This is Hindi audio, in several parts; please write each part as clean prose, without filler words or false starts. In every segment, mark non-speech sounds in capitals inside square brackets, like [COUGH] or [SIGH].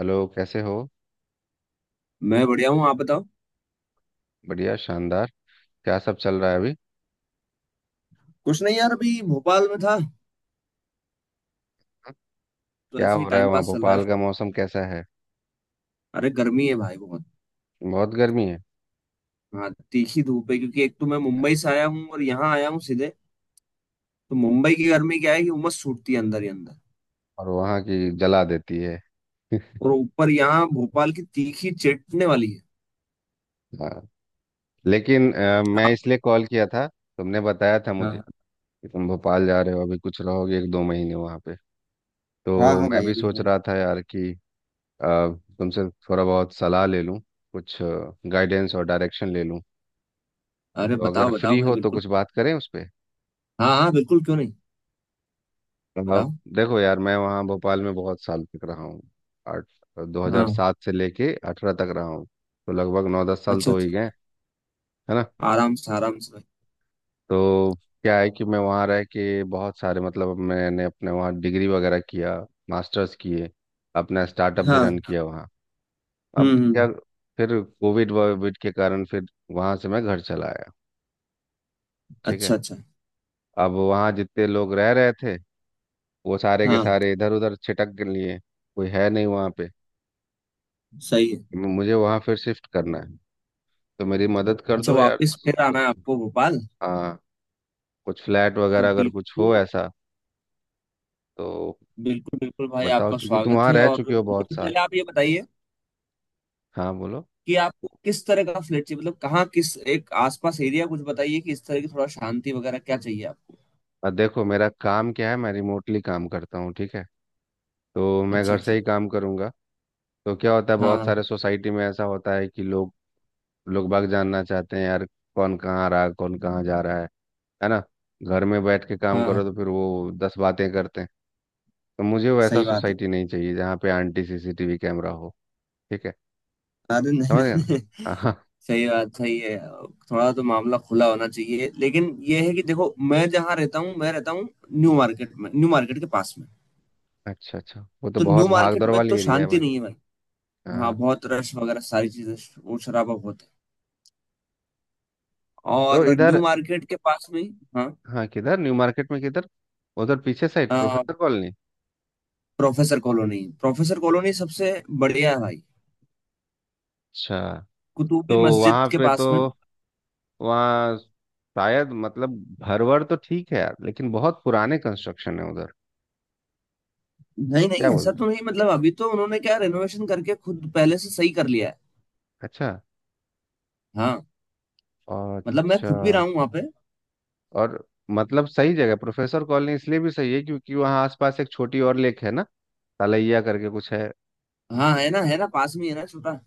हेलो, कैसे हो? मैं बढ़िया हूँ। आप बताओ। बढ़िया, शानदार। क्या सब चल रहा है अभी? कुछ नहीं यार, अभी भोपाल में था, तो क्या ऐसे ही हो रहा है? टाइम वहाँ पास चल रहा भोपाल का है। मौसम कैसा है? अरे गर्मी है भाई बहुत। बहुत गर्मी है। हाँ, तीखी धूप है, क्योंकि एक तो मैं मुंबई से आया हूँ और यहाँ आया हूँ सीधे। तो मुंबई की गर्मी क्या है कि उमस छूटती है अंदर ही अंदर। और वहाँ की जला देती है। [LAUGHS] और ऊपर यहाँ भोपाल की तीखी चटने वाली है। हाँ। लेकिन मैं आप- इसलिए कॉल किया था, तुमने बताया था मुझे हाँ। कि तुम भोपाल जा रहे हो अभी, कुछ रहोगे 1-2 महीने वहाँ पे, हाँ हाँ तो हाँ मैं भाई, भी अभी सोच हूँ। रहा था यार कि अ, तुमसे थोड़ा बहुत सलाह ले लूँ, कुछ गाइडेंस और डायरेक्शन ले लूँ। अरे तो अगर बताओ बताओ फ्री भाई, हो तो बिल्कुल। कुछ बात करें उस पे। हाँ हाँ, बिल्कुल, क्यों नहीं। आप बताओ। देखो यार, मैं वहाँ भोपाल में बहुत साल तक रहा हूँ। आठ हाँ। 2007 से लेके 18 तक रहा हूँ। तो लगभग 9-10 साल अच्छा तो हो अच्छा। ही गए। है ना? आराम से, आराम से भाई। तो क्या है कि मैं वहाँ रह के बहुत सारे, मतलब मैंने अपने वहाँ डिग्री वगैरह किया, मास्टर्स किए, अपना स्टार्टअप भी हाँ। रन किया वहाँ। अब क्या, हम्म। फिर कोविड वोविड के कारण फिर वहाँ से मैं घर चला आया। ठीक अच्छा है। अच्छा। अब वहाँ जितने लोग रह रहे थे वो सारे के हाँ। सारे इधर उधर छिटक लिए। कोई है नहीं वहाँ पे। सही है। मुझे वहां फिर शिफ्ट करना है, तो मेरी मदद कर अच्छा, दो यार। वापस फिर आना है कुछ, आपको भोपाल। हाँ, कुछ फ्लैट तो वगैरह अगर कुछ बिल्कुल। हो ऐसा। तो बिल्कुल बिल्कुल भाई, बताओ आपका क्योंकि तुम स्वागत वहां है। रह और चुके हो मुझे बहुत साल। पहले आप ये बताइए हाँ बोलो। कि आपको किस तरह का फ्लैट चाहिए, मतलब कहाँ, किस एक आसपास एरिया कुछ बताइए, कि इस तरह की थोड़ा शांति वगैरह क्या चाहिए आपको। देखो, मेरा काम क्या है, मैं रिमोटली काम करता हूँ। ठीक है। तो मैं अच्छा घर से अच्छा। ही काम करूंगा। तो क्या होता है, बहुत सारे हाँ सोसाइटी में ऐसा होता है कि लोग, लोग बाग जानना चाहते हैं यार, कौन कहाँ आ रहा है, कौन कहाँ जा रहा है। है ना? घर में बैठ के काम हाँ, करो तो फिर वो दस बातें करते हैं। तो मुझे वैसा सही बात है। सोसाइटी नहीं चाहिए जहाँ पे आंटी सीसीटीवी कैमरा हो। ठीक है। अरे नहीं समझ गए नहीं नहीं। ना? हाँ। सही बात, सही है। थोड़ा तो मामला खुला होना चाहिए, लेकिन ये है कि देखो मैं जहाँ रहता हूँ, मैं रहता हूँ न्यू मार्केट में, न्यू मार्केट के पास में। अच्छा अच्छा, वो तो तो बहुत न्यू मार्केट भागदौड़ में वाली तो एरिया है शांति भाई। नहीं है भाई। हाँ, हाँ। बहुत रश वगैरह सारी चीजें। वो शराबा बहुत है। तो और इधर। न्यू मार्केट के पास में हाँ। हाँ, किधर न्यू मार्केट में किधर? उधर पीछे साइड अ, professor colony. Professor colony, professor colony सबसे बढ़िया है भाई। अच्छा। कुतुबी तो मस्जिद वहाँ के पे पास तो, में। वहाँ शायद मतलब घर वर तो ठीक है यार, लेकिन बहुत पुराने कंस्ट्रक्शन है उधर। नहीं नहीं, क्या ऐसा बोलते तो हैं? नहीं, मतलब अभी तो उन्होंने क्या, रेनोवेशन करके खुद पहले से सही कर लिया है। अच्छा हाँ, मतलब मैं अच्छा। खुद भी रहा हूँ वहां पे। और मतलब सही जगह प्रोफेसर कॉलोनी इसलिए भी सही है क्योंकि वहाँ आसपास एक छोटी और लेक है ना। तलैया करके कुछ है। हाँ, है ना, है ना, पास में ही है ना छोटा।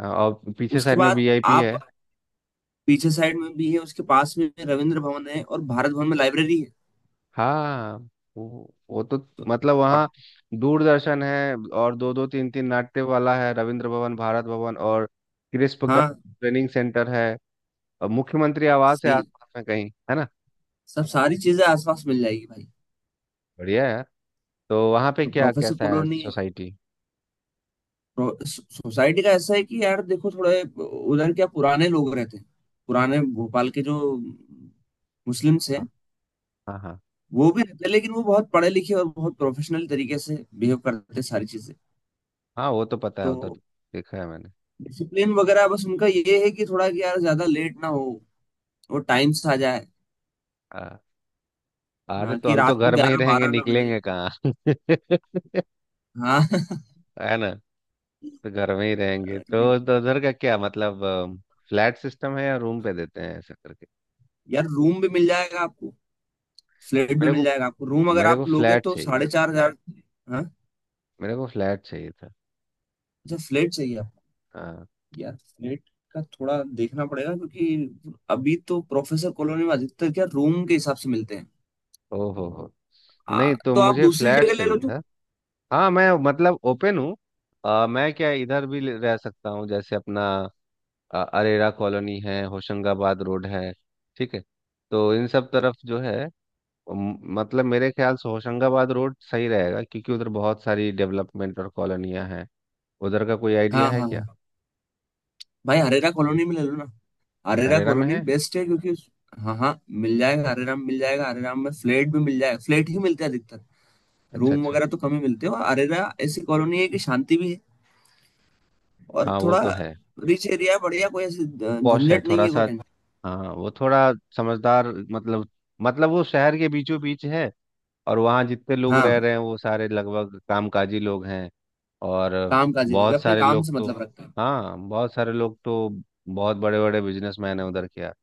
हाँ, और पीछे उसके साइड में बाद वीआईपी आप है। पीछे साइड में भी है, उसके पास में रविंद्र भवन है और भारत भवन में लाइब्रेरी है। हाँ, वो तो, तो मतलब और- वहाँ दूरदर्शन है और दो दो तीन तीन नाट्य वाला है, रविंद्र भवन, भारत भवन और क्रिस्प का हाँ, ट्रेनिंग सेंटर है, और मुख्यमंत्री आवास है सही। आसपास में कहीं। है ना? सब सारी चीजें आसपास मिल जाएगी भाई। बढ़िया है। तो वहाँ पे तो क्या प्रोफेसर कैसा है कॉलोनी सोसाइटी? सोसाइटी का ऐसा है कि यार देखो, थोड़े उधर क्या पुराने लोग रहते हैं। पुराने भोपाल के जो मुस्लिम्स हाँ हैं, हाँ हाँ वो भी रहते हैं, लेकिन वो बहुत पढ़े लिखे और बहुत प्रोफेशनल तरीके से बिहेव करते हैं सारी चीजें। हाँ, वो तो पता है तो उधर, देखा है मैंने। डिसिप्लिन वगैरह, बस उनका ये है कि थोड़ा कि यार ज्यादा लेट ना हो, वो टाइम से आ जाए। हाँ, अरे हाँ, तो कि हम तो रात को घर में ही ग्यारह रहेंगे, बारह ना बजे। निकलेंगे कहाँ? [LAUGHS] हाँ [LAUGHS] है ना? तो घर में ही रहेंगे ये- तो उधर का क्या मतलब? फ्लैट सिस्टम है या रूम पे देते हैं ऐसा करके? यार रूम भी मिल जाएगा आपको, फ्लैट भी मेरे मिल को जाएगा आपको। रूम अगर मेरे को आप लोगे फ्लैट तो चाहिए। 4,500। हाँ। मेरे को फ्लैट चाहिए था। अच्छा, फ्लैट चाहिए। हाँ। यार नेट का थोड़ा देखना पड़ेगा, क्योंकि अभी तो प्रोफेसर कॉलोनी में अधिकतर क्या, रूम के हिसाब से मिलते हैं। ओ हो हो। नहीं, तो तो आप मुझे दूसरी फ्लैट जगह ले चाहिए लो तो। था। हाँ मैं मतलब ओपन हूँ। मैं क्या इधर भी रह सकता हूँ, जैसे अपना अरेरा कॉलोनी है, होशंगाबाद रोड है। ठीक है। तो इन सब तरफ जो है, मतलब मेरे ख्याल से होशंगाबाद रोड सही रहेगा क्योंकि उधर बहुत सारी डेवलपमेंट और कॉलोनियाँ हैं। उधर का कोई आइडिया हाँ है हाँ क्या? हाँ भाई, हरेरा कॉलोनी में ले लो ना। हरेरा अरेरा में कॉलोनी है। बेस्ट है, क्योंकि हाँ हाँ, मिल जाएगा, हरेरा में मिल जाएगा, हरेरा में फ्लैट भी मिल जाएगा, फ्लैट ही मिलते हैं अधिकतर। अच्छा रूम अच्छा। वगैरह तो कम ही मिलते हैं। और हरेरा ऐसी कॉलोनी है कि शांति भी है, और हाँ वो थोड़ा तो है। रिच एरिया है, बढ़िया, कोई ऐसी पॉश है झंझट नहीं थोड़ा है, कोई सा। टेंशन। हाँ वो थोड़ा समझदार, मतलब, मतलब वो शहर के बीचों बीच है, और वहाँ जितने लोग रह रहे हाँ, हैं वो सारे लगभग कामकाजी लोग हैं, और काम काजी लोग हैं, बहुत अपने सारे काम लोग से तो, मतलब रखते हैं। हाँ बहुत सारे लोग तो बहुत बड़े बड़े बिजनेसमैन हैं उधर के यार।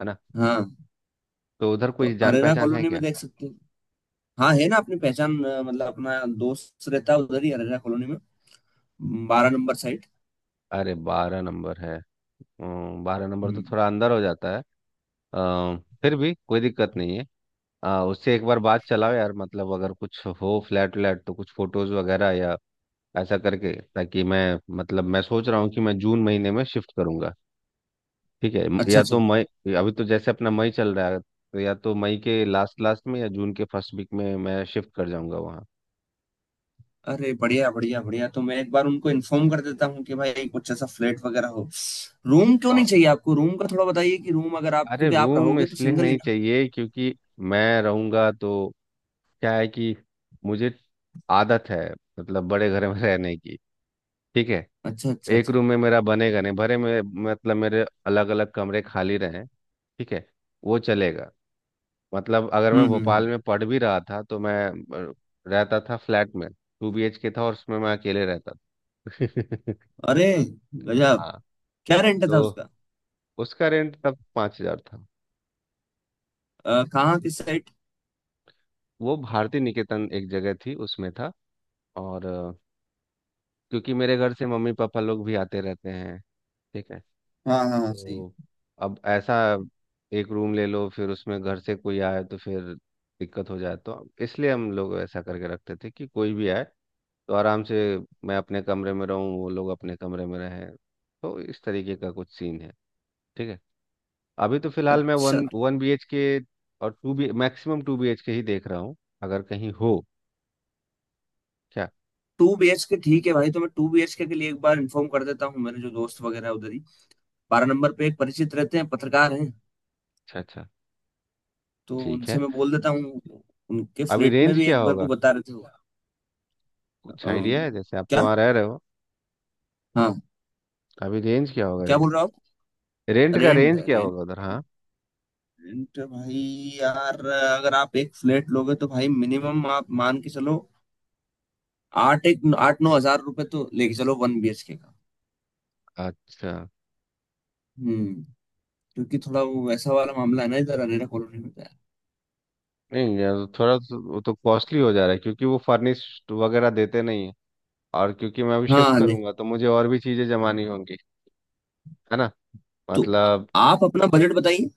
है ना? हाँ। तो उधर तो कोई जान अरेरा पहचान है कॉलोनी में क्या? देख सकते हैं। हाँ है ना, अपनी पहचान, मतलब अपना दोस्त रहता है उधर ही, अरेरा कॉलोनी में 12 नंबर साइट। अरे 12 नंबर है? 12 नंबर तो हम्म। थोड़ा अंदर हो जाता है। अ, फिर भी कोई दिक्कत नहीं है। उससे एक बार बात चलाओ यार, मतलब अगर कुछ हो फ्लैट व्लैट तो कुछ फोटोज वगैरह या ऐसा करके, ताकि मैं, मतलब मैं सोच रहा हूँ कि मैं जून महीने में शिफ्ट करूंगा। ठीक है, अच्छा या अच्छा। तो मई। अभी तो जैसे अपना मई चल रहा है, तो या तो मई के लास्ट लास्ट में या जून के फर्स्ट वीक में मैं शिफ्ट कर जाऊंगा वहाँ। अरे बढ़िया बढ़िया बढ़िया, तो मैं एक बार उनको इन्फॉर्म कर देता हूँ कि भाई कुछ ऐसा फ्लैट वगैरह हो। रूम क्यों नहीं और चाहिए आपको? रूम का थोड़ा बताइए कि रूम अगर आप, अरे, क्योंकि आप रूम रहोगे तो इसलिए सिंगल ही नहीं ना। चाहिए क्योंकि मैं रहूंगा तो क्या है कि मुझे आदत है, मतलब बड़े घर में [LAUGHS] रहने की। ठीक है। अच्छा अच्छा एक अच्छा। रूम में मेरा बनेगा नहीं भरे में, मतलब मेरे अलग अलग कमरे खाली रहें। ठीक है, वो चलेगा। मतलब अगर हम्म मैं हम्म भोपाल हम्म। में पढ़ भी रहा था तो मैं अ, रहता था फ्लैट में। 2BHK था और उसमें मैं अकेले रहता था। [LAUGHS] अरे गजब। हाँ। क्या रेंट था तो उसका? उसका रेंट तब 5 हजार था। कहाँ, किस साइड? वो भारती निकेतन एक जगह थी, उसमें था। और क्योंकि मेरे घर से मम्मी पापा लोग भी आते रहते हैं। ठीक है। हाँ हाँ हाँ, सही। तो अब ऐसा, एक रूम ले लो फिर उसमें घर से कोई आए तो फिर दिक्कत हो जाए, तो इसलिए हम लोग ऐसा करके रखते थे कि कोई भी आए तो आराम से मैं अपने कमरे में रहूँ, वो लोग अपने कमरे में रहें, तो इस तरीके का कुछ सीन है। ठीक है। अभी तो फिलहाल मैं अच्छा। One one B H K और two B maximum two B H K ही देख रहा हूँ, अगर कहीं हो। क्या? 2 BHK ठीक है भाई, तो मैं 2 BHK लिए एक बार इन्फॉर्म कर देता हूँ। मेरे जो दोस्त वगैरह है उधर ही, 12 नंबर पे एक परिचित रहते हैं, पत्रकार हैं। अच्छा अच्छा, तो ठीक है। उनसे मैं बोल देता हूँ। उनके अभी फ्लैट में रेंज भी क्या एक बार को होगा, बता रहे थे। कुछ अम, आइडिया है? जैसे आप तो क्या? वहाँ रह रहे हो, हाँ। अभी रेंज क्या होगा क्या रेंट बोल का? रहे हो आप? रेंट का रेंट, रेंज क्या रेंट, होगा उधर, हाँ? रेंट भाई, यार अगर आप एक फ्लैट लोगे तो भाई मिनिमम आप मान के चलो, आठ एक 8-9 हज़ार रुपए तो लेके चलो 1 BHK का। अच्छा, हम्म। क्योंकि थोड़ा वो वैसा वाला मामला है ना इधर अरेरा कॉलोनी में तो यार। नहीं यार वो थोड़ा तो, वो तो कॉस्टली हो जा रहा है क्योंकि वो फर्निश्ड वगैरह देते नहीं है। और क्योंकि मैं अभी शिफ्ट हाँ नहीं, करूंगा तो मुझे और भी चीजें जमानी होंगी। है ना? तो मतलब, आप अपना बजट बताइए।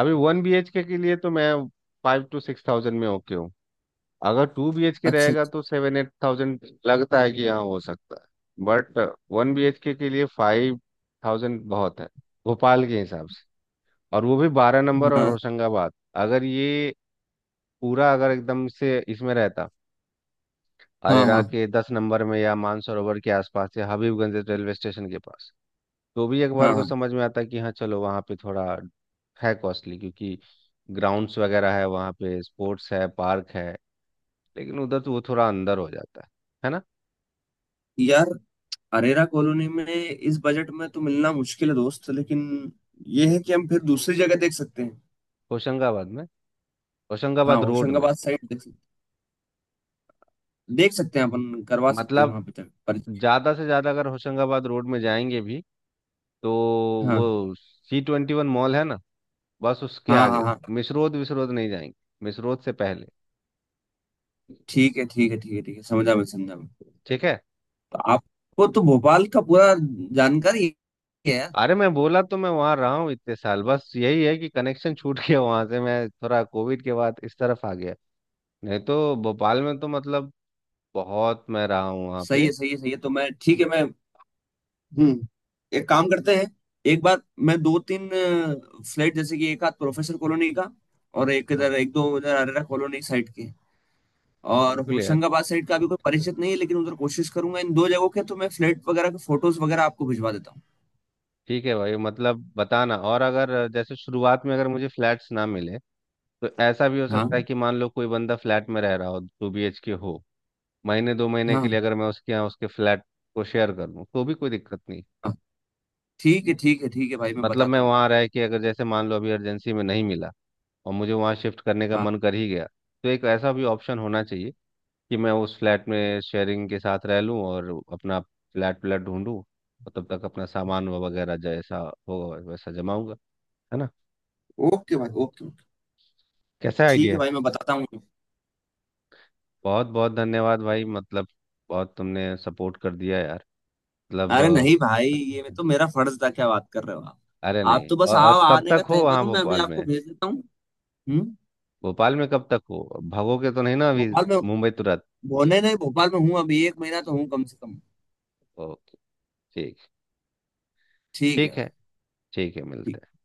अभी 1BHK के लिए तो मैं 5-6 हजार में ओके हूँ। अगर 2BHK अच्छा रहेगा अच्छा, तो 7-8 हजार लगता है कि हाँ हो सकता है। बट 1BHK के लिए 5 हजार बहुत है भोपाल के हिसाब से, और वो भी 12 नंबर और हाँ होशंगाबाद। अगर ये पूरा अगर एकदम से इसमें रहता हाँ अरेरा हाँ के 10 नंबर में, या मानसरोवर के आसपास, या हबीबगंज रेलवे स्टेशन के पास, तो भी अखबार हाँ को हाँ समझ में आता है कि हाँ चलो वहाँ पे थोड़ा है कॉस्टली, क्योंकि ग्राउंड्स वगैरह है वहाँ पे, स्पोर्ट्स है, पार्क है। लेकिन उधर तो वो थोड़ा अंदर हो जाता है। है ना? यार, अरेरा कॉलोनी में इस बजट में तो मिलना मुश्किल है दोस्त, लेकिन ये है कि हम फिर दूसरी जगह देख सकते हैं। होशंगाबाद में, हाँ, होशंगाबाद रोड में। होशंगाबाद साइड देख सकते हैं, अपन करवा सकते हैं मतलब वहां पे तक पर। ज़्यादा से ज़्यादा अगर होशंगाबाद रोड में जाएंगे भी तो हाँ वो C21 मॉल है ना, बस उसके हाँ आगे हाँ हाँ, मिसरोद विसरोद नहीं जाएंगे, मिसरोद से पहले। ठीक है ठीक है ठीक है ठीक है, समझा मैं, समझा मैं। ठीक है। तो आपको तो भोपाल का पूरा जानकारी है यार। अरे मैं बोला तो, मैं वहां रहा हूँ इतने साल, बस यही है कि कनेक्शन छूट गया वहां से, मैं थोड़ा कोविड के बाद इस तरफ आ गया, नहीं तो भोपाल में तो मतलब बहुत मैं रहा हूँ वहाँ सही पे। है सही है सही है। तो मैं ठीक है मैं, हम्म, एक काम करते हैं। एक बार मैं दो तीन फ्लैट, जैसे कि एक आध प्रोफेसर कॉलोनी का, और एक हाँ। इधर, एक दो इधर अरेरा कॉलोनी साइड के, और बिल्कुल यार। होशंगाबाद साइड का अभी कोई परिचित नहीं है लेकिन उधर कोशिश करूंगा। इन दो जगहों के तो मैं फ्लैट वगैरह के फोटोज वगैरह आपको भिजवा देता हूँ। ठीक है भाई, मतलब बताना, और अगर जैसे शुरुआत में अगर मुझे फ्लैट्स ना मिले, तो ऐसा भी हो सकता है हाँ कि मान लो कोई बंदा फ्लैट में रह रहा हो, 2BHK हो, महीने दो महीने के लिए हाँ अगर मैं उसके यहाँ उसके फ्लैट को शेयर कर लूँ तो भी कोई दिक्कत नहीं। हाँ ठीक है ठीक है, ठीक है ठीक है भाई, मैं मतलब मैं बताता हूँ वहाँ आपको। रह के अगर जैसे मान लो अभी अर्जेंसी में नहीं मिला और मुझे वहाँ शिफ्ट करने का हाँ। मन कर ही गया, तो एक ऐसा भी ऑप्शन होना चाहिए कि मैं उस फ्लैट में शेयरिंग के साथ रह लूँ और अपना फ्लैट व्लैट ढूंढूँ, और तब तक अपना सामान वगैरह जैसा हो वैसा जमाऊंगा। है ना? ओके भाई ओके ओके, कैसा आइडिया ठीक है है? भाई मैं बताता हूँ आपको। बहुत बहुत धन्यवाद भाई, मतलब बहुत तुमने सपोर्ट कर दिया यार, मतलब। अरे नहीं भाई, [LAUGHS] अ, ये मैं तो, मेरा फर्ज था, क्या बात कर रहे हो आप? अरे आप नहीं, तो बस और आओ, कब आने तक का हो तय वहाँ करो, मैं अभी भोपाल आपको में? भेज देता हूँ। हम्म। भोपाल में कब तक हो? भागोगे तो नहीं ना अभी? भोपाल में मुंबई तुरंत? होने नहीं, भोपाल में हूँ अभी, एक महीना तो हूँ कम से कम। ओके। ठीक। ठीक है ठीक भाई। है। ठीक है, मिलते हैं।